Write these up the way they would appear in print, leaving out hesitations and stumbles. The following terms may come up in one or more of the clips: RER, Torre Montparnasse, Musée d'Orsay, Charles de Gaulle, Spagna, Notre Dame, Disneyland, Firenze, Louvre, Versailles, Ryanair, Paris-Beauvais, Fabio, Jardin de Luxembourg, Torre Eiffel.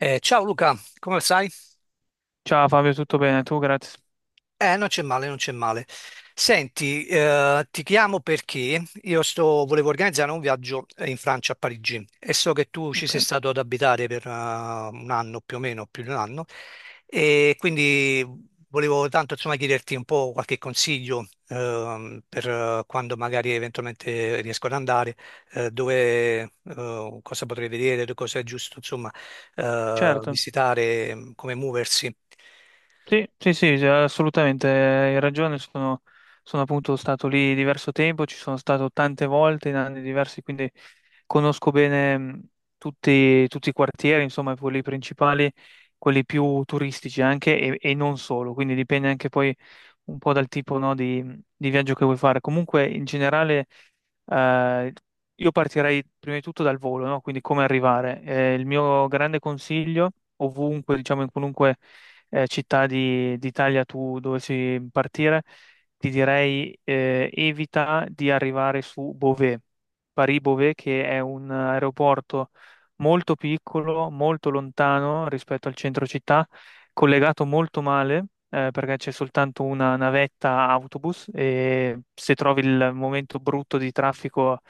Ciao Luca, come stai? Ciao Fabio, tutto bene? Tu, grazie. Non c'è male, non c'è male. Senti, ti chiamo perché volevo organizzare un viaggio in Francia, a Parigi, e so che tu ci Ok, sei stato ad abitare per un anno più o meno, più di un anno, e quindi volevo tanto insomma chiederti un po' qualche consiglio per quando magari eventualmente riesco ad andare, dove, cosa potrei vedere, cosa è giusto insomma certo. visitare, come muoversi. Sì, sì, sì, sì, assolutamente, hai ragione. Sono appunto stato lì diverso tempo, ci sono stato tante volte in anni diversi, quindi conosco bene tutti i quartieri, insomma, quelli principali, quelli più turistici anche e non solo. Quindi dipende anche poi un po' dal tipo, no, di viaggio che vuoi fare. Comunque, in generale, eh, io partirei prima di tutto dal volo, no? Quindi come arrivare. Il mio grande consiglio, ovunque, diciamo, in qualunque città d'Italia tu dovessi partire, ti direi evita di arrivare su Beauvais, Paris-Beauvais, che è un aeroporto molto piccolo, molto lontano rispetto al centro città, collegato molto male perché c'è soltanto una navetta autobus e se trovi il momento brutto di traffico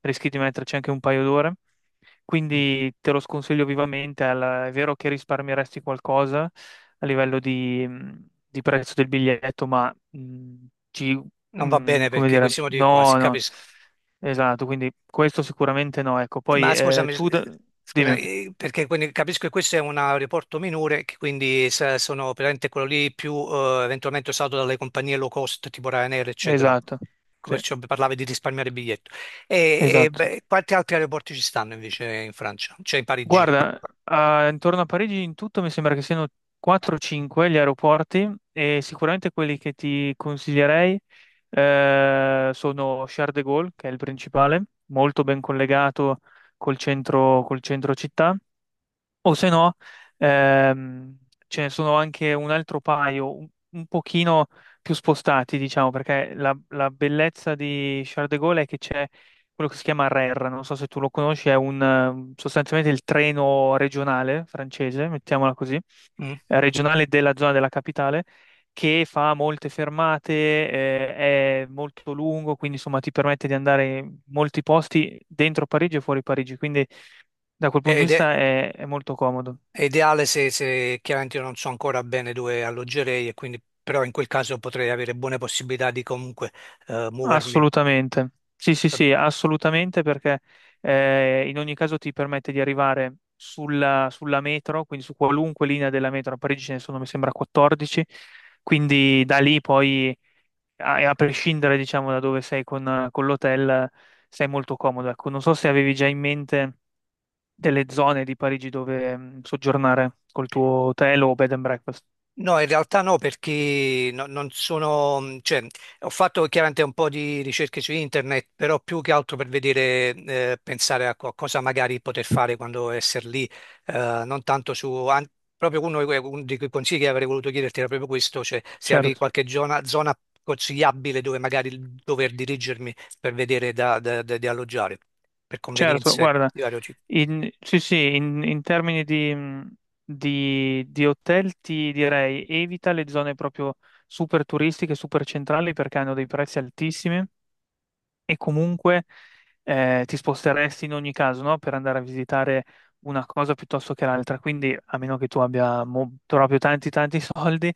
rischi di metterci anche un paio d'ore. Quindi te lo sconsiglio vivamente. È vero che risparmieresti qualcosa a livello di prezzo del biglietto, ma ci, Non va bene come perché dire, questi motivi qua, no, si no, capisco. esatto. Quindi questo sicuramente no. Ecco, poi Ma scusami, scusami, dimmi, perché quindi capisco che questo è un aeroporto minore, che quindi sono veramente quello lì più eventualmente usato dalle compagnie low cost tipo Ryanair, eccetera. esatto, Ecco, sì, perciò parlavi di risparmiare il biglietto. Esatto. Beh, quanti altri aeroporti ci stanno invece in Francia? Cioè in Parigi? Guarda, intorno a Parigi in tutto mi sembra che siano 4-5 gli aeroporti, e sicuramente quelli che ti consiglierei sono Charles de Gaulle, che è il principale, molto ben collegato col centro città. O se no, ehm, ce ne sono anche un altro paio, un pochino più spostati, diciamo, perché la bellezza di Charles de Gaulle è che c'è quello che si chiama RER, non so se tu lo conosci, è sostanzialmente il treno regionale francese, mettiamola così, Mm? Regionale della zona della capitale, che fa molte fermate, è molto lungo, quindi insomma ti permette di andare in molti posti dentro Parigi e fuori Parigi, quindi da quel punto di Ed vista è, è molto comodo, è ideale se, se chiaramente io non so ancora bene dove alloggerei, e quindi, però in quel caso potrei avere buone possibilità di comunque muovermi. assolutamente. Sì, sì, sì, assolutamente, perché in ogni caso ti permette di arrivare sulla metro, quindi su qualunque linea della metro, a Parigi ce ne sono, mi sembra, 14, quindi da lì poi, a prescindere, diciamo, da dove sei con l'hotel, sei molto comodo. Ecco, non so se avevi già in mente delle zone di Parigi dove soggiornare col tuo hotel o bed and breakfast. No, in realtà no, perché non sono, cioè, ho fatto chiaramente un po' di ricerche su internet, però più che altro per vedere, pensare a cosa magari poter fare quando essere lì, non tanto su, proprio uno di uno di quei consigli che avrei voluto chiederti era proprio questo, cioè se avevi Certo. qualche zona consigliabile dove magari dover dirigermi per vedere di alloggiare, per Certo, convenienze guarda, di vario tipo. Sì, sì, in termini di, di hotel ti direi evita le zone proprio super turistiche, super centrali, perché hanno dei prezzi altissimi e comunque ti sposteresti in ogni caso, no? Per andare a visitare una cosa piuttosto che l'altra. Quindi, a meno che tu abbia proprio tanti, tanti soldi,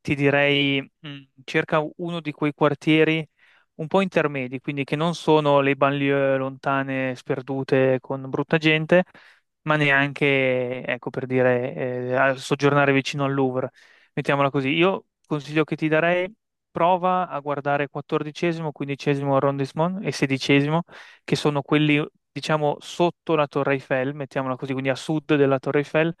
ti direi cerca uno di quei quartieri un po' intermedi, quindi che non sono le banlieue lontane, sperdute, con brutta gente, ma neanche, ecco, per dire, soggiornare vicino al Louvre. Mettiamola così. Io consiglio che ti darei: prova a guardare 14°, 15° arrondissement e 16°, che sono quelli, diciamo, sotto la Torre Eiffel, mettiamola così, quindi a sud della Torre Eiffel,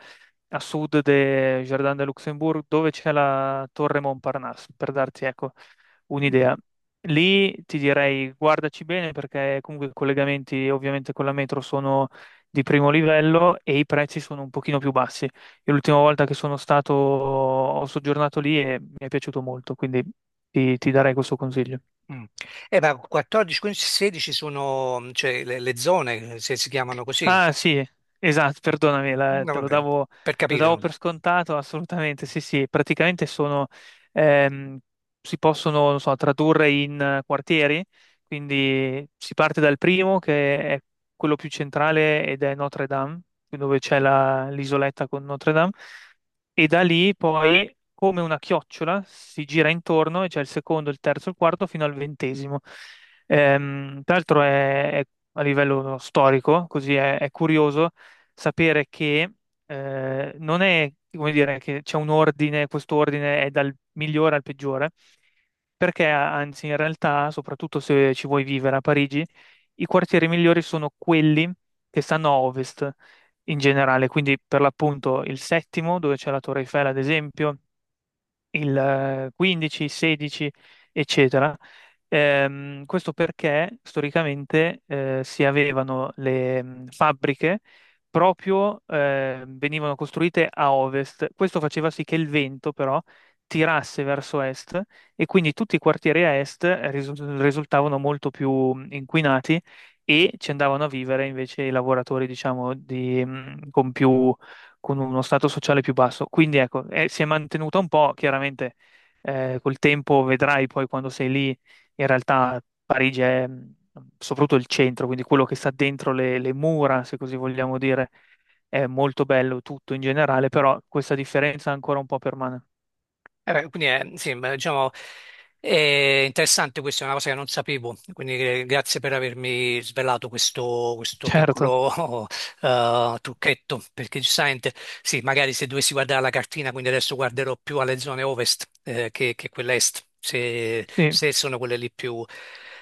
a sud del Jardin de Luxembourg, dove c'è la Torre Montparnasse, per darti, ecco, un'idea. Lì ti direi guardaci bene, perché comunque i collegamenti ovviamente con la metro sono di primo livello e i prezzi sono un pochino più bassi. Io l'ultima volta che sono stato ho soggiornato lì e mi è piaciuto molto, quindi ti darei questo consiglio. Mm. Ma 14, 15, 16 sono mm, cioè, le zone, se si chiamano così, Ah, sì, esatto, perdonami, no, vabbè, per lo capire. davo No? per scontato, assolutamente, sì, sì, praticamente ehm, si possono, non so, tradurre in quartieri, quindi si parte dal primo, che è quello più centrale ed è Notre Dame, dove c'è l'isoletta con Notre Dame, e da lì poi, come una chiocciola, si gira intorno e c'è il secondo, il terzo, il quarto, fino al 20°. Tra l'altro è, a livello storico, così è curioso sapere che non è, come dire, che c'è un ordine: questo ordine è dal migliore al peggiore, perché anzi in realtà, soprattutto se ci vuoi vivere a Parigi, i quartieri migliori sono quelli che stanno a ovest in generale, quindi per l'appunto il settimo, dove c'è la Torre Eiffel, ad esempio, il 15, 16, eccetera. Questo perché storicamente si avevano le fabbriche, proprio venivano costruite a ovest. Questo faceva sì che il vento però tirasse verso est, e quindi tutti i quartieri a est risu- risultavano molto più inquinati, e ci andavano a vivere invece i lavoratori, diciamo, con più, con uno stato sociale più basso. Quindi ecco, si è mantenuta un po', chiaramente. Col tempo vedrai poi, quando sei lì, in realtà Parigi è, soprattutto il centro, quindi quello che sta dentro le mura, se così vogliamo dire, è molto bello tutto in generale, però questa differenza ancora un po' permane. Beh, quindi sì, ma, diciamo, è interessante, questa è una cosa che non sapevo, quindi grazie per avermi svelato questo, questo Certo, piccolo trucchetto, perché giustamente, sì, magari se dovessi guardare la cartina, quindi adesso guarderò più alle zone ovest che quelle est, se, sì. se sono quelle lì più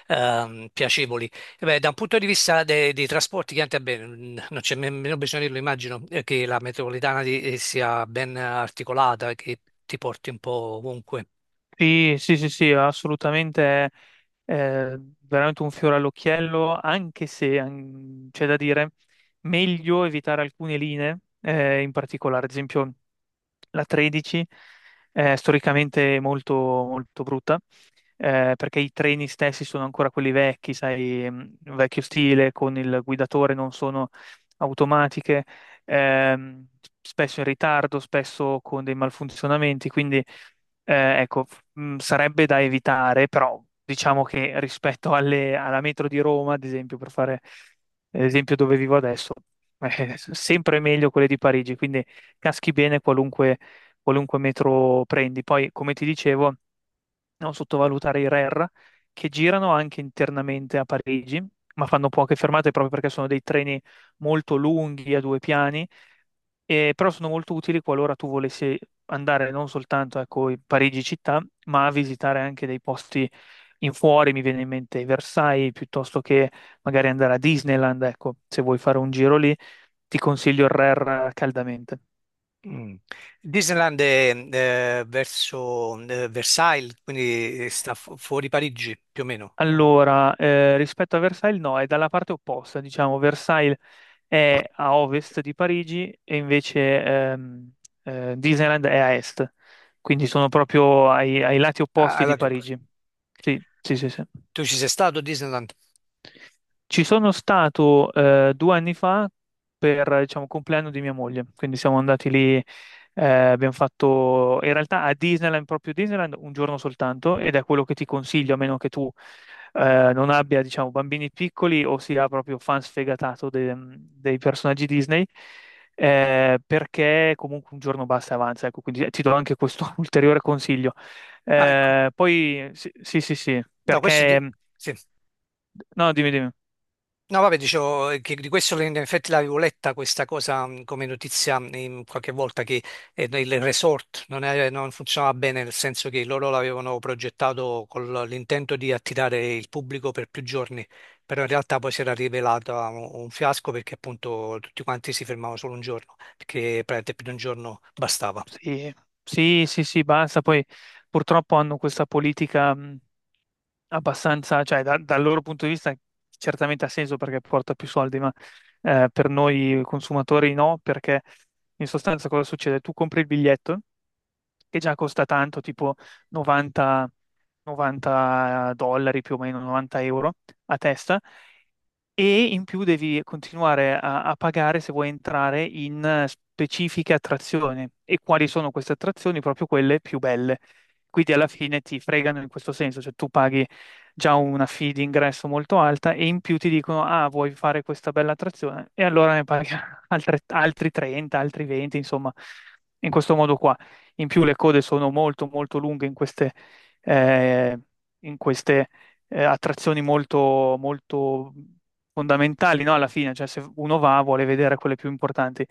piacevoli. Eh beh, da un punto di vista dei trasporti, chiaramente, beh, non c'è nemmeno bisogno di dirlo, immagino che la metropolitana sia ben articolata, che ti porti un po' ovunque. Sì, sì, sì, sì, assolutamente è veramente un fiore all'occhiello, anche se c'è da dire: meglio evitare alcune linee, in particolare, ad esempio la 13 è storicamente molto, molto brutta, perché i treni stessi sono ancora quelli vecchi, sai, vecchio stile, con il guidatore, non sono automatiche, ehm, spesso in ritardo, spesso con dei malfunzionamenti, quindi ecco, sarebbe da evitare. Però diciamo che, rispetto alla metro di Roma, ad esempio, per fare l'esempio dove vivo adesso, è sempre meglio quelle di Parigi, quindi caschi bene qualunque metro prendi. Poi, come ti dicevo, non sottovalutare i RER, che girano anche internamente a Parigi, ma fanno poche fermate proprio perché sono dei treni molto lunghi, a 2 piani, e però sono molto utili qualora tu volessi andare non soltanto, ecco, in Parigi città, ma a visitare anche dei posti in fuori, mi viene in mente Versailles, piuttosto che magari andare a Disneyland. Ecco, se vuoi fare un giro lì, ti consiglio il RER caldamente. Mm. Disneyland è verso Versailles, quindi sta fuori Parigi, più o meno. Oh. Allora, rispetto a Versailles, no, è dalla parte opposta, diciamo, Versailles è a ovest di Parigi e invece Disneyland è a est, quindi sono proprio ai lati Ah, opposti di allora ti ho preso. Parigi. Sì, sì, sì, sì. Tu ci sei stato a Disneyland? Ci sono stato 2 anni fa per, diciamo, il compleanno di mia moglie, quindi siamo andati lì, abbiamo fatto in realtà a Disneyland, proprio Disneyland, un giorno soltanto, ed è quello che ti consiglio, a meno che tu non abbia, diciamo, bambini piccoli o sia proprio fan sfegatato dei personaggi Disney, perché comunque un giorno basta e avanza, ecco, quindi ti do anche questo ulteriore consiglio. Ah, ecco. Poi, sì, sì, sì, sì, No, perché. sì. No, dimmi, dimmi. No, vabbè, dicevo che di questo in effetti l'avevo letta questa cosa come notizia in qualche volta che il resort non funzionava bene, nel senso che loro l'avevano progettato con l'intento di attirare il pubblico per più giorni, però in realtà poi si era rivelato un fiasco perché appunto tutti quanti si fermavano solo un giorno, perché praticamente più di un giorno bastava. Sì, sì, sì, sì, basta. Poi purtroppo hanno questa politica abbastanza, cioè dal loro punto di vista certamente ha senso, perché porta più soldi, ma per noi consumatori no, perché in sostanza cosa succede? Tu compri il biglietto che già costa tanto, tipo 90, 90 dollari più o meno, 90 euro a testa, e in più devi continuare a pagare se vuoi entrare in specifiche attrazioni. E quali sono queste attrazioni? Proprio quelle più belle. Quindi alla fine ti fregano in questo senso, cioè tu paghi già una fee di ingresso molto alta e in più ti dicono: ah, vuoi fare questa bella attrazione? E allora ne paghi altri 30, altri 20, insomma, in questo modo qua. In più le code sono molto, molto lunghe eh, in queste attrazioni molto, molto fondamentali, no? Alla fine, cioè se uno va vuole vedere quelle più importanti.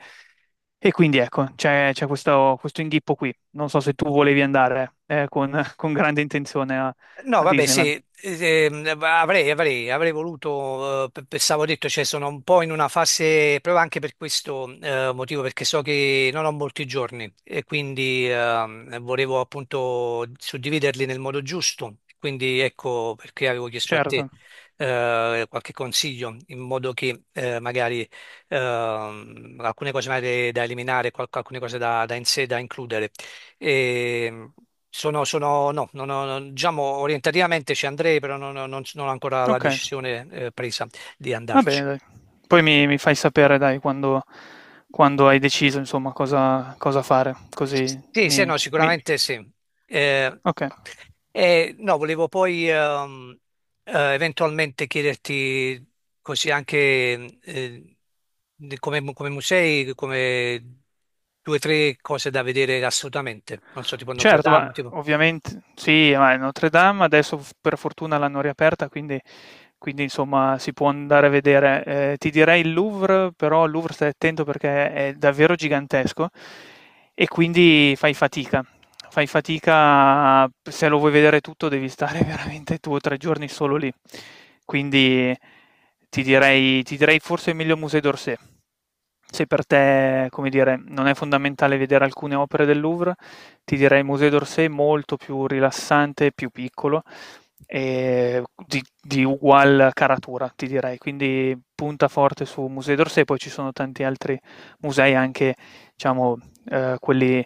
E quindi ecco, c'è questo, inghippo qui. Non so se tu volevi andare con grande intenzione No, a vabbè, Disneyland. sì, avrei voluto, pensavo detto, cioè sono un po' in una fase, proprio anche per questo motivo, perché so che non ho molti giorni e quindi volevo appunto suddividerli nel modo giusto, quindi ecco perché avevo chiesto a te Certo. Qualche consiglio in modo che magari alcune cose magari da eliminare, alcune cose da in sé da includere. E no, non ho- non- diciamo orientativamente ci andrei, però non ho ancora la Ok, decisione presa di va bene, andarci. dai. Poi mi fai sapere, dai, quando hai deciso, insomma, cosa fare. Sì, sì, no, sicuramente sì. Eh, Ok. No, volevo poi eventualmente chiederti così anche eh, come, come musei, come due o tre cose da vedere assolutamente. Non so, tipo Notre Certo, ma Dame, tipo. ovviamente sì, ma Notre Dame adesso f per fortuna l'hanno riaperta, quindi insomma si può andare a vedere. Ti direi il Louvre, però al Louvre stai attento perché è davvero gigantesco e quindi fai fatica. Fai fatica, se lo vuoi vedere tutto devi stare veramente 2 o 3 giorni solo lì. Quindi ti direi forse meglio Musée d'Orsay. Se per te, come dire, non è fondamentale vedere alcune opere del Louvre, ti direi il Museo d'Orsay è molto più rilassante, più piccolo e di ugual caratura, ti direi. Quindi punta forte su Museo d'Orsay, poi ci sono tanti altri musei, anche diciamo eh, quelli,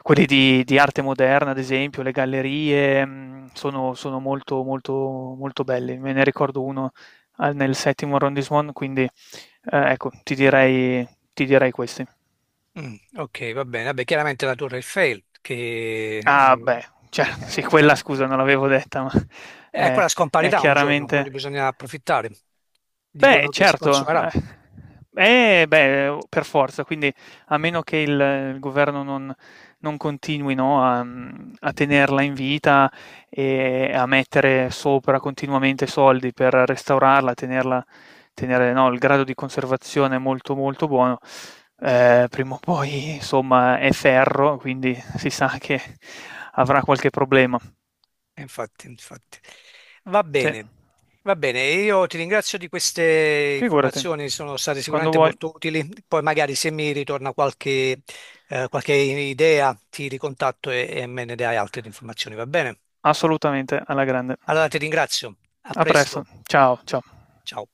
quelli di arte moderna, ad esempio, le gallerie sono molto, molto, molto belli. Me ne ricordo uno nel settimo arrondissement, quindi ecco, ti direi questi. Mm, ok, va bene. Vabbè, chiaramente la Torre Eiffel, che Ah beh, cer è, sì, quella è- scusa è- non l'avevo detta, ma è è quella è scomparirà un giorno, chiaramente. quindi bisogna approfittare. Beh, Dicono che si certo. consumerà. Beh, per forza, quindi a meno che il governo non, continui, no, a tenerla in vita e a mettere sopra continuamente soldi per restaurarla, tenerla, tenere, no, il grado di conservazione molto molto buono, prima o poi, insomma, è ferro, quindi si sa che avrà qualche problema. E infatti, infatti. Va Sì, bene, va bene. Io ti ringrazio di queste figurati, informazioni, sono state quando sicuramente vuoi. molto utili. Poi magari se mi ritorna qualche idea, ti ricontatto e me ne dai altre informazioni, va bene? Assolutamente, alla grande. Allora ti ringrazio. A A presto, presto. ciao, ciao. Ciao.